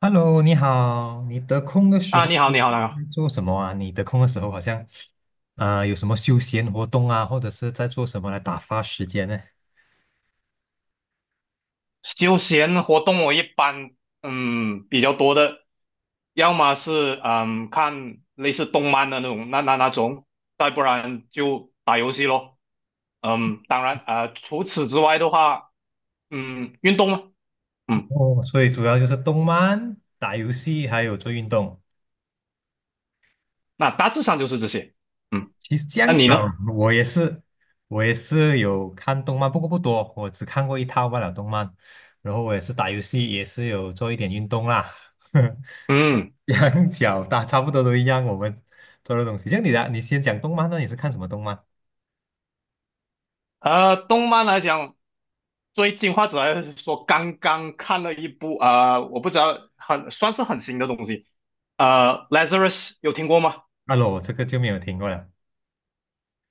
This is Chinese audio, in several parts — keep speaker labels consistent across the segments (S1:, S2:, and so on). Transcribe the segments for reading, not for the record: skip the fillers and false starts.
S1: Hello，你好，你得空的时
S2: 啊，
S1: 候
S2: 你好，
S1: 都
S2: 你好，你好。
S1: 在做什么啊？你得空的时候好像，有什么休闲活动啊，或者是在做什么来打发时间呢？
S2: 休闲活动我一般，比较多的，要么是看类似动漫的那种，再不然就打游戏咯。当然，除此之外的话，运动嘛，嗯，
S1: 哦，所以主要就是动漫、打游戏，还有做运动。
S2: 那大致上就是这些。嗯，
S1: 其实这
S2: 那
S1: 样巧，
S2: 你呢？
S1: 我也是，我也是有看动漫，不过不多，我只看过一套罢了动漫。然后我也是打游戏，也是有做一点运动啦。
S2: 嗯。
S1: 两脚大差不多都一样，我们做的东西。像你的啊，你先讲动漫那你是看什么动漫？
S2: 动漫来讲，最近或者来说刚刚看了一部我不知道很算是很新的东西，Lazarus 有听过吗？
S1: 啊，罗，这个就没有听过了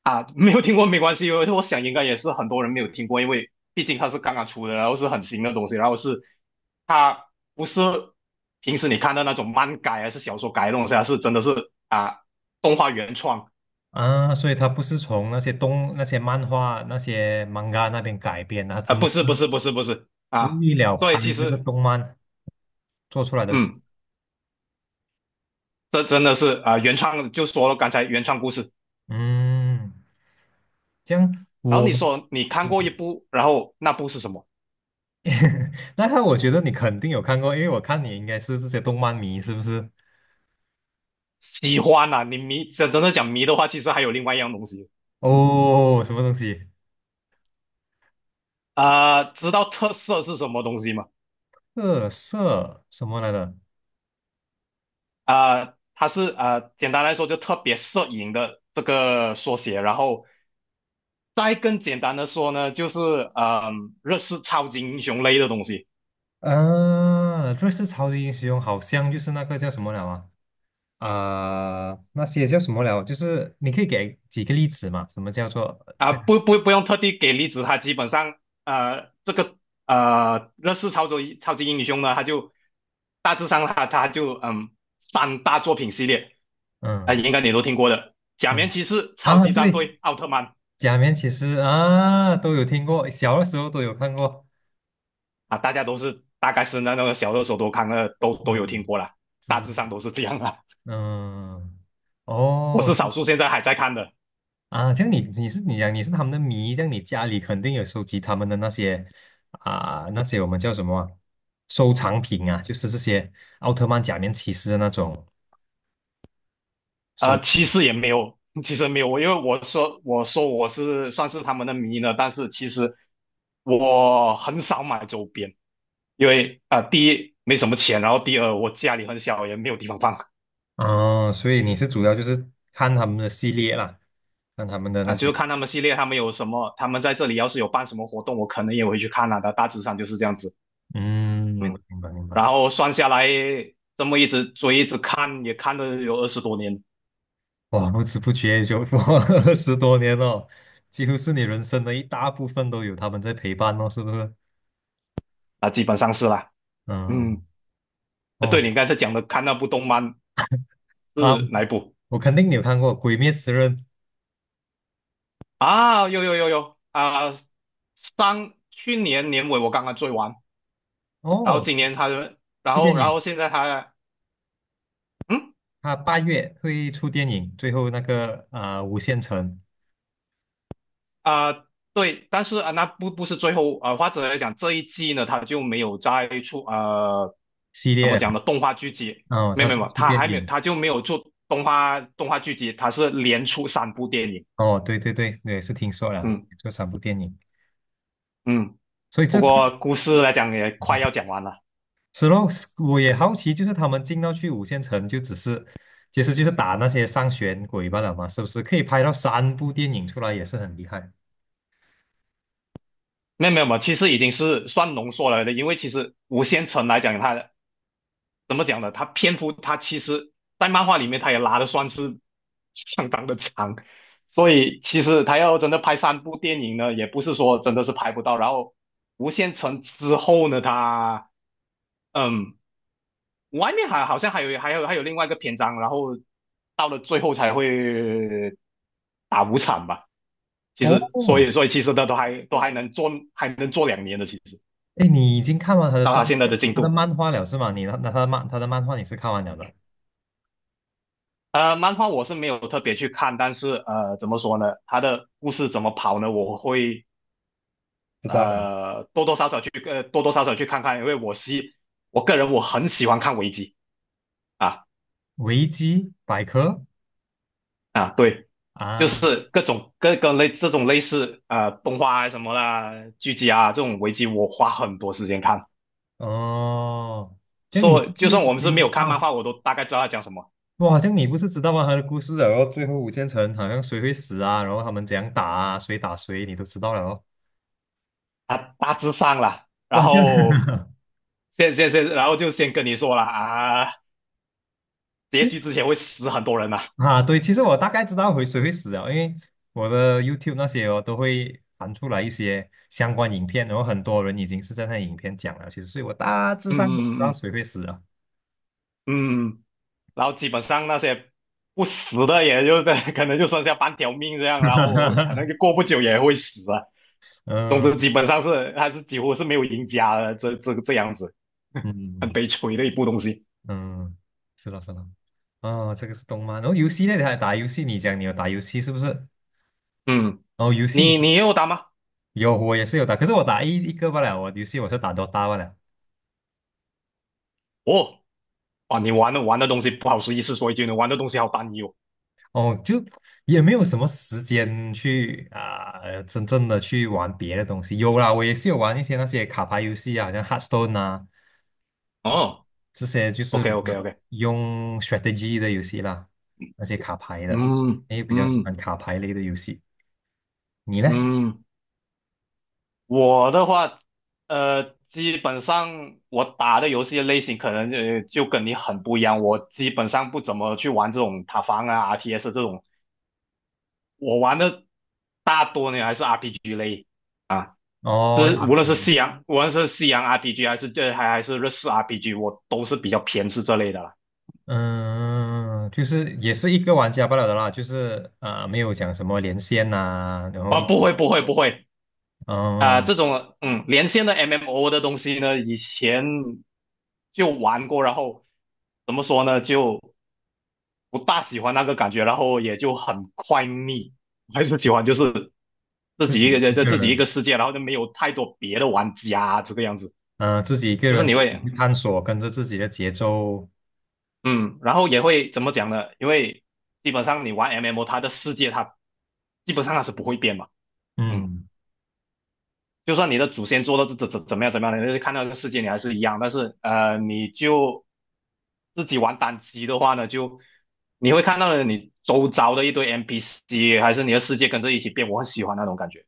S2: 啊，没有听过没关系，因为我想应该也是很多人没有听过，因为毕竟它是刚刚出的，然后是很新的东西，它不是平时你看到那种漫改还是小说改的东西啊，它是真的是动画原创。
S1: 啊，所以它不是从那些漫画、那些 manga 那边改编的，它
S2: 啊，
S1: 真
S2: 不
S1: 的是
S2: 是不是不是不是啊，
S1: 为了
S2: 所
S1: 拍
S2: 以其
S1: 这个
S2: 实
S1: 动漫做出来的。
S2: 嗯。这真的是原创就说了刚才原创故事，
S1: 嗯，这样
S2: 然后
S1: 我
S2: 你说你看过一部，然后那部是什么？
S1: 那他我觉得你肯定有看过，因为我看你应该是这些动漫迷，是不是？
S2: 喜欢啊，你迷真的讲迷的话，其实还有另外一样东西。嗯
S1: 哦，什么东西？
S2: 知道特色是什么东西吗？
S1: 特色什么来的？
S2: 它是简单来说就特别摄影的这个缩写，然后再更简单的说呢，就是日式超级英雄类的东西。
S1: 啊，瑞士超级英雄好像就是那个叫什么了啊？那些叫什么了？就是你可以给几个例子嘛？什么叫做
S2: 啊，
S1: 这？
S2: 不用特地给例子，他基本上这个乐视超级英雄呢，他就大致上他就三大作品系列，
S1: 嗯
S2: 应该你都听过的，假面
S1: 嗯，
S2: 骑士、超
S1: 啊，
S2: 级战
S1: 对，
S2: 队、奥特曼。
S1: 假面骑士啊，都有听过，小的时候都有看过。
S2: 啊，大家都是大概是那个小热手都看了都有听
S1: 嗯，
S2: 过啦，大
S1: 是，
S2: 致上都是这样啦。
S1: 嗯，
S2: 我
S1: 哦，
S2: 是少数现在还在看的。
S1: 啊，像你是他们的迷，像你家里肯定有收集他们的那些我们叫什么啊收藏品啊，就是这些奥特曼、假面骑士的那种。收。
S2: 其实也没有，其实没有，因为我说我是算是他们的迷呢，但是其实我很少买周边。因为第一没什么钱，然后第二我家里很小，也没有地方放啊、
S1: 哦，所以你是主要就是看他们的系列啦，看他们的那
S2: 就
S1: 些，
S2: 是看他们系列，他们有什么，他们在这里要是有办什么活动，我可能也会去看啊的，大致上就是这样子。
S1: 嗯，明白
S2: 嗯，
S1: 明白明白。
S2: 然后算下来这么一直追一直看，也看了有二十多年。
S1: 哇，不知不觉就过了 20多年了，几乎是你人生的一大部分都有他们在陪伴哦，是不是？
S2: 基本上是啦。
S1: 嗯，
S2: 嗯，对，
S1: 哦，
S2: 你刚才讲的看那部动漫
S1: 啊，
S2: 是哪一部。
S1: 我肯定你有看过《鬼灭之刃》
S2: 啊？有有有有啊，上去年年尾我刚刚追完，然后
S1: 哦，
S2: 今年他，然
S1: 出电
S2: 后然
S1: 影，
S2: 后现在他，嗯。
S1: 他8月会出电影，最后那个无限城
S2: 啊、对，但是那不是最后或者来讲这一季呢，他就没有再出，
S1: 系
S2: 怎
S1: 列
S2: 么
S1: 了，
S2: 讲呢？动画剧集，
S1: 哦，
S2: 没
S1: 他
S2: 有没
S1: 是
S2: 有，没有
S1: 出
S2: 他
S1: 电
S2: 还没有，
S1: 影，
S2: 他就没有做动画剧集，他是连出三部电影。
S1: 哦，对对对，我也是听说了，
S2: 嗯
S1: 做三部电影。
S2: 嗯，
S1: 所以
S2: 不
S1: 这个
S2: 过故事来讲也快要讲完了。
S1: 是咯，我也好奇，就是他们进到去五线城，就只是其实就是打那些上弦鬼罢了嘛，是不是？可以拍到三部电影出来，也是很厉害。
S2: 没有没有，没有其实已经是算浓缩了的，因为其实《无限城》来讲，它怎么讲呢？他篇幅他其实，在漫画里面他也拉的算是相当的长，所以其实他要真的拍三部电影呢，也不是说真的是拍不到。然后《无限城》之后呢，他嗯，外面还好像还有另外一个篇章，然后到了最后才会打五场吧。其实，所
S1: 哦，
S2: 以所以其实他都还能做两年的，其实
S1: 哎，你已经看完
S2: 到他现在的进
S1: 他的
S2: 度。
S1: 漫画了是吗？你那他的漫画你是看完了的，
S2: 漫画我是没有特别去看，但是怎么说呢？它的故事怎么跑呢？我会
S1: 知道了。
S2: 多多少少去看看，因为我个人很喜欢看危机。啊
S1: 维基百科
S2: 啊，对，就
S1: 啊，
S2: 是各种各类这种类似动画啊什么啦、剧集啊这种危机，我花很多时间看。
S1: 哦，这样你不
S2: 说就
S1: 是
S2: 算
S1: 已
S2: 我们是
S1: 经
S2: 没
S1: 知
S2: 有看漫
S1: 道？
S2: 画，我都大概知道他讲什么，
S1: 哇，这样你不是知道吗？他的故事了？然后最后五线城好像谁会死啊，然后他们怎样打啊，谁打谁，你都知道了哦。
S2: 他大致上了。然
S1: 哇，这样。
S2: 后 就先跟你说了啊，
S1: 其
S2: 结局之前会死很多人呐、
S1: 啊，对，其实我大概知道会谁会死啊，因为我的 YouTube 那些哦都会弹出来一些相关影片，然后很多人已经是在那影片讲了，其实所以我大致
S2: 嗯
S1: 上都知
S2: 嗯
S1: 道
S2: 嗯
S1: 谁会死啊。
S2: 嗯嗯，然后基本上那些不死的，也就是 可能就剩下半条命这样，然后可 能就过不久也会死啊。总之，
S1: 嗯
S2: 基本上是还是几乎是没有赢家的，这个这样子，很
S1: 嗯
S2: 悲催的一部东西。
S1: 嗯，是了是了，哦，这个是动漫，然后游戏那的还打游戏，你讲你有打游戏是不是？
S2: 嗯，
S1: 哦，游戏你
S2: 你也有打吗？
S1: 有，我也是有打，可是我打一个不了，我游戏我是打 DOT 了。
S2: 哦，哇，你玩的东西不好意思说一句，你玩的东西好单一哦。
S1: 哦，就也没有什么时间去真正的去玩别的东西。有啦，我也是有玩一些那些卡牌游戏啊，好像 Hearthstone 啊，啊、
S2: 哦
S1: 这些就是
S2: ，OK
S1: 比较
S2: OK OK，
S1: 用 strategy 的游戏啦，那些卡牌的，
S2: 嗯
S1: 诶，比较喜欢
S2: 嗯
S1: 卡牌类的游戏。你呢？
S2: 嗯。我的话，基本上我打的游戏类型可能就跟你很不一样。我基本上不怎么去玩这种塔防啊、RTS 这种，我玩的大多呢还是 RPG 类啊，
S1: 哦，
S2: 是无
S1: 啊
S2: 论是西洋，无论是西洋 RPG 还是日式 RPG，我都是比较偏是这类的啦。
S1: 嗯，就是也是一个玩家罢了的啦，就是没有讲什么连线呐、然后
S2: 啊，
S1: 一
S2: 不
S1: 起，
S2: 会不会不会。啊，
S1: 嗯、
S2: 这种连线的 MMO 的东西呢，以前就玩过，然后怎么说呢就。不大喜欢那个感觉，然后也就很快腻。还是喜欢就是自
S1: 自
S2: 己一个
S1: 己
S2: 人
S1: 一
S2: 在
S1: 个
S2: 自己一
S1: 人。
S2: 个世界，然后就没有太多别的玩家这个样子。
S1: 呃，自己一个
S2: 就是
S1: 人
S2: 你会
S1: 去探索，跟着自己的节奏，
S2: 嗯，然后也会怎么讲呢？因为基本上你玩 MMO，它的世界基本上它是不会变嘛。嗯，
S1: 嗯
S2: 就算你的祖先做到怎么样怎么样，你看到这个世界你还是一样，但是你就自己玩单机的话呢，就你会看到了你周遭的一堆 NPC，还是你的世界跟着一起变。我很喜欢那种感觉。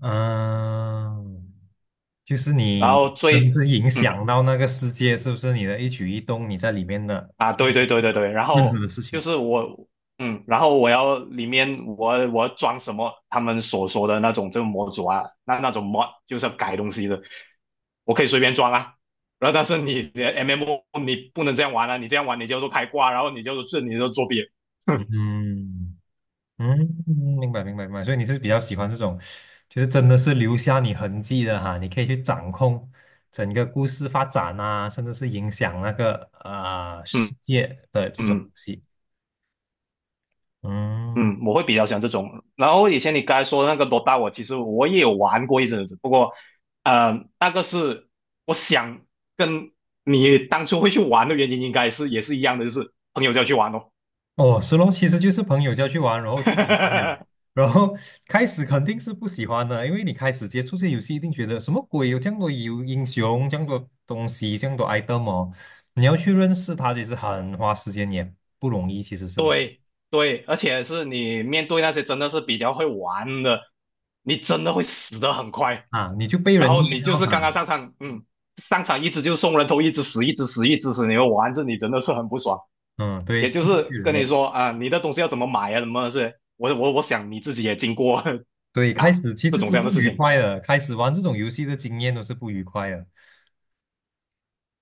S1: 嗯、就是
S2: 然
S1: 你
S2: 后
S1: 真
S2: 最，
S1: 正影
S2: 嗯
S1: 响到那个世界，是不是？你的一举一动，你在里面的
S2: 啊，对对对对对，然
S1: 任何
S2: 后
S1: 的事情，
S2: 就是我，然后我要里面我要装什么他们所说的那种这个模组啊，那种模就是要改东西的，我可以随便装啊。然后但是你的 MMO 你不能这样玩啊，你这样玩你就做开挂，然后你就作弊。
S1: 嗯嗯，明白明白明白。所以你是比较喜欢这种，就是真的是留下你痕迹的哈，你可以去掌控整个故事发展啊，甚至是影响那个世
S2: 嗯
S1: 界的这种东
S2: 嗯。
S1: 西。嗯，
S2: 嗯，我会比较喜欢这种。然后以前你刚才说的那个 DOTA，我其实也有玩过一阵子，不过，那个是我想跟你当初会去玩的原因，应该是也是一样的，就是朋友叫去玩哦。
S1: 哦，石龙其实就是朋友叫去玩，然后自己玩了，然后开始肯定是不喜欢的，因为你开始接触这游戏，一定觉得什么鬼，有这样多有英雄，这样多东西，这样多 item 哦，你要去认识他，其实很花时间，也不容易，其实是不是
S2: 对对，而且是你面对那些真的是比较会玩的，你真的会死的很快。
S1: 啊？你就被
S2: 然
S1: 人虐
S2: 后你就
S1: 了
S2: 是刚刚
S1: 哈，
S2: 上场，上场一直就送人头，一直死，一直死，一直死，你会玩着你真的是很不爽。
S1: 嗯，
S2: 也
S1: 对，
S2: 就
S1: 就是被
S2: 是
S1: 人
S2: 跟你
S1: 虐，
S2: 说啊，你的东西要怎么买啊，什么是，我想你自己也经过
S1: 对，开
S2: 啊
S1: 始其
S2: 这
S1: 实
S2: 种这
S1: 都
S2: 样的
S1: 不
S2: 事
S1: 愉
S2: 情，
S1: 快的，开始玩这种游戏的经验都是不愉快的，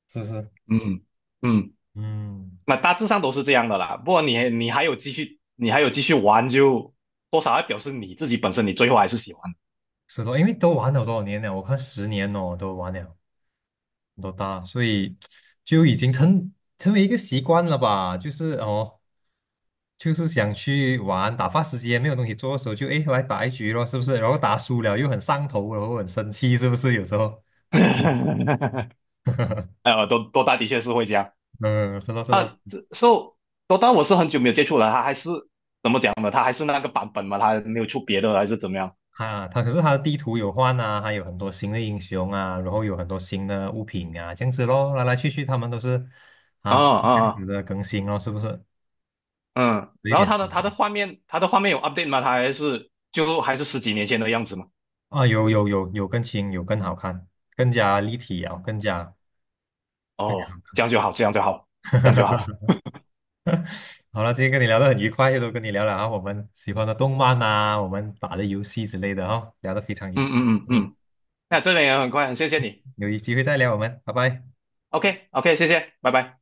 S1: 是不是？
S2: 嗯嗯，
S1: 嗯，
S2: 那大致上都是这样的啦。不过你还有继续玩就，多少要表示你自己本身你最后还是喜欢。
S1: 是的，因为都玩了多少年了，我看10年哦，都玩了。多大，所以就已经成为一个习惯了吧？就是哦，就是想去玩，打发时间，没有东西做的时候就，诶来打一局咯，是不是？然后打输了又很上头，然后很生气，是不是？有时候，
S2: 多多大的确是会这样。
S1: 嗯，是咯是咯，
S2: 这 so 多大我是很久没有接触了，他还是讲的，他还是那个版本嘛，他没有出别的还是怎么样？
S1: 啊，他可是他的地图有换啊，还有很多新的英雄啊，然后有很多新的物品啊，这样子咯，来来去去他们都是
S2: 啊
S1: 啊
S2: 啊
S1: 这样子
S2: 啊！
S1: 的更新咯，是不是？
S2: 嗯，
S1: 有一
S2: 然后
S1: 点
S2: 它的画面有 update 吗？它还是十几年前的样子吗？
S1: 啊，有更新，有更好看，更加立体啊，更加。
S2: 哦，这样就好，这样就好，这样就好。
S1: 好了，今天跟你聊得很愉快，又都跟你聊了啊，我们喜欢的动漫呐，我们打的游戏之类的哈、聊得非常愉
S2: 嗯
S1: 快。
S2: 嗯嗯
S1: 你
S2: 嗯，那这边也很快，很谢谢你。
S1: 有机会再聊我们，拜拜。
S2: OK OK，谢谢，拜拜。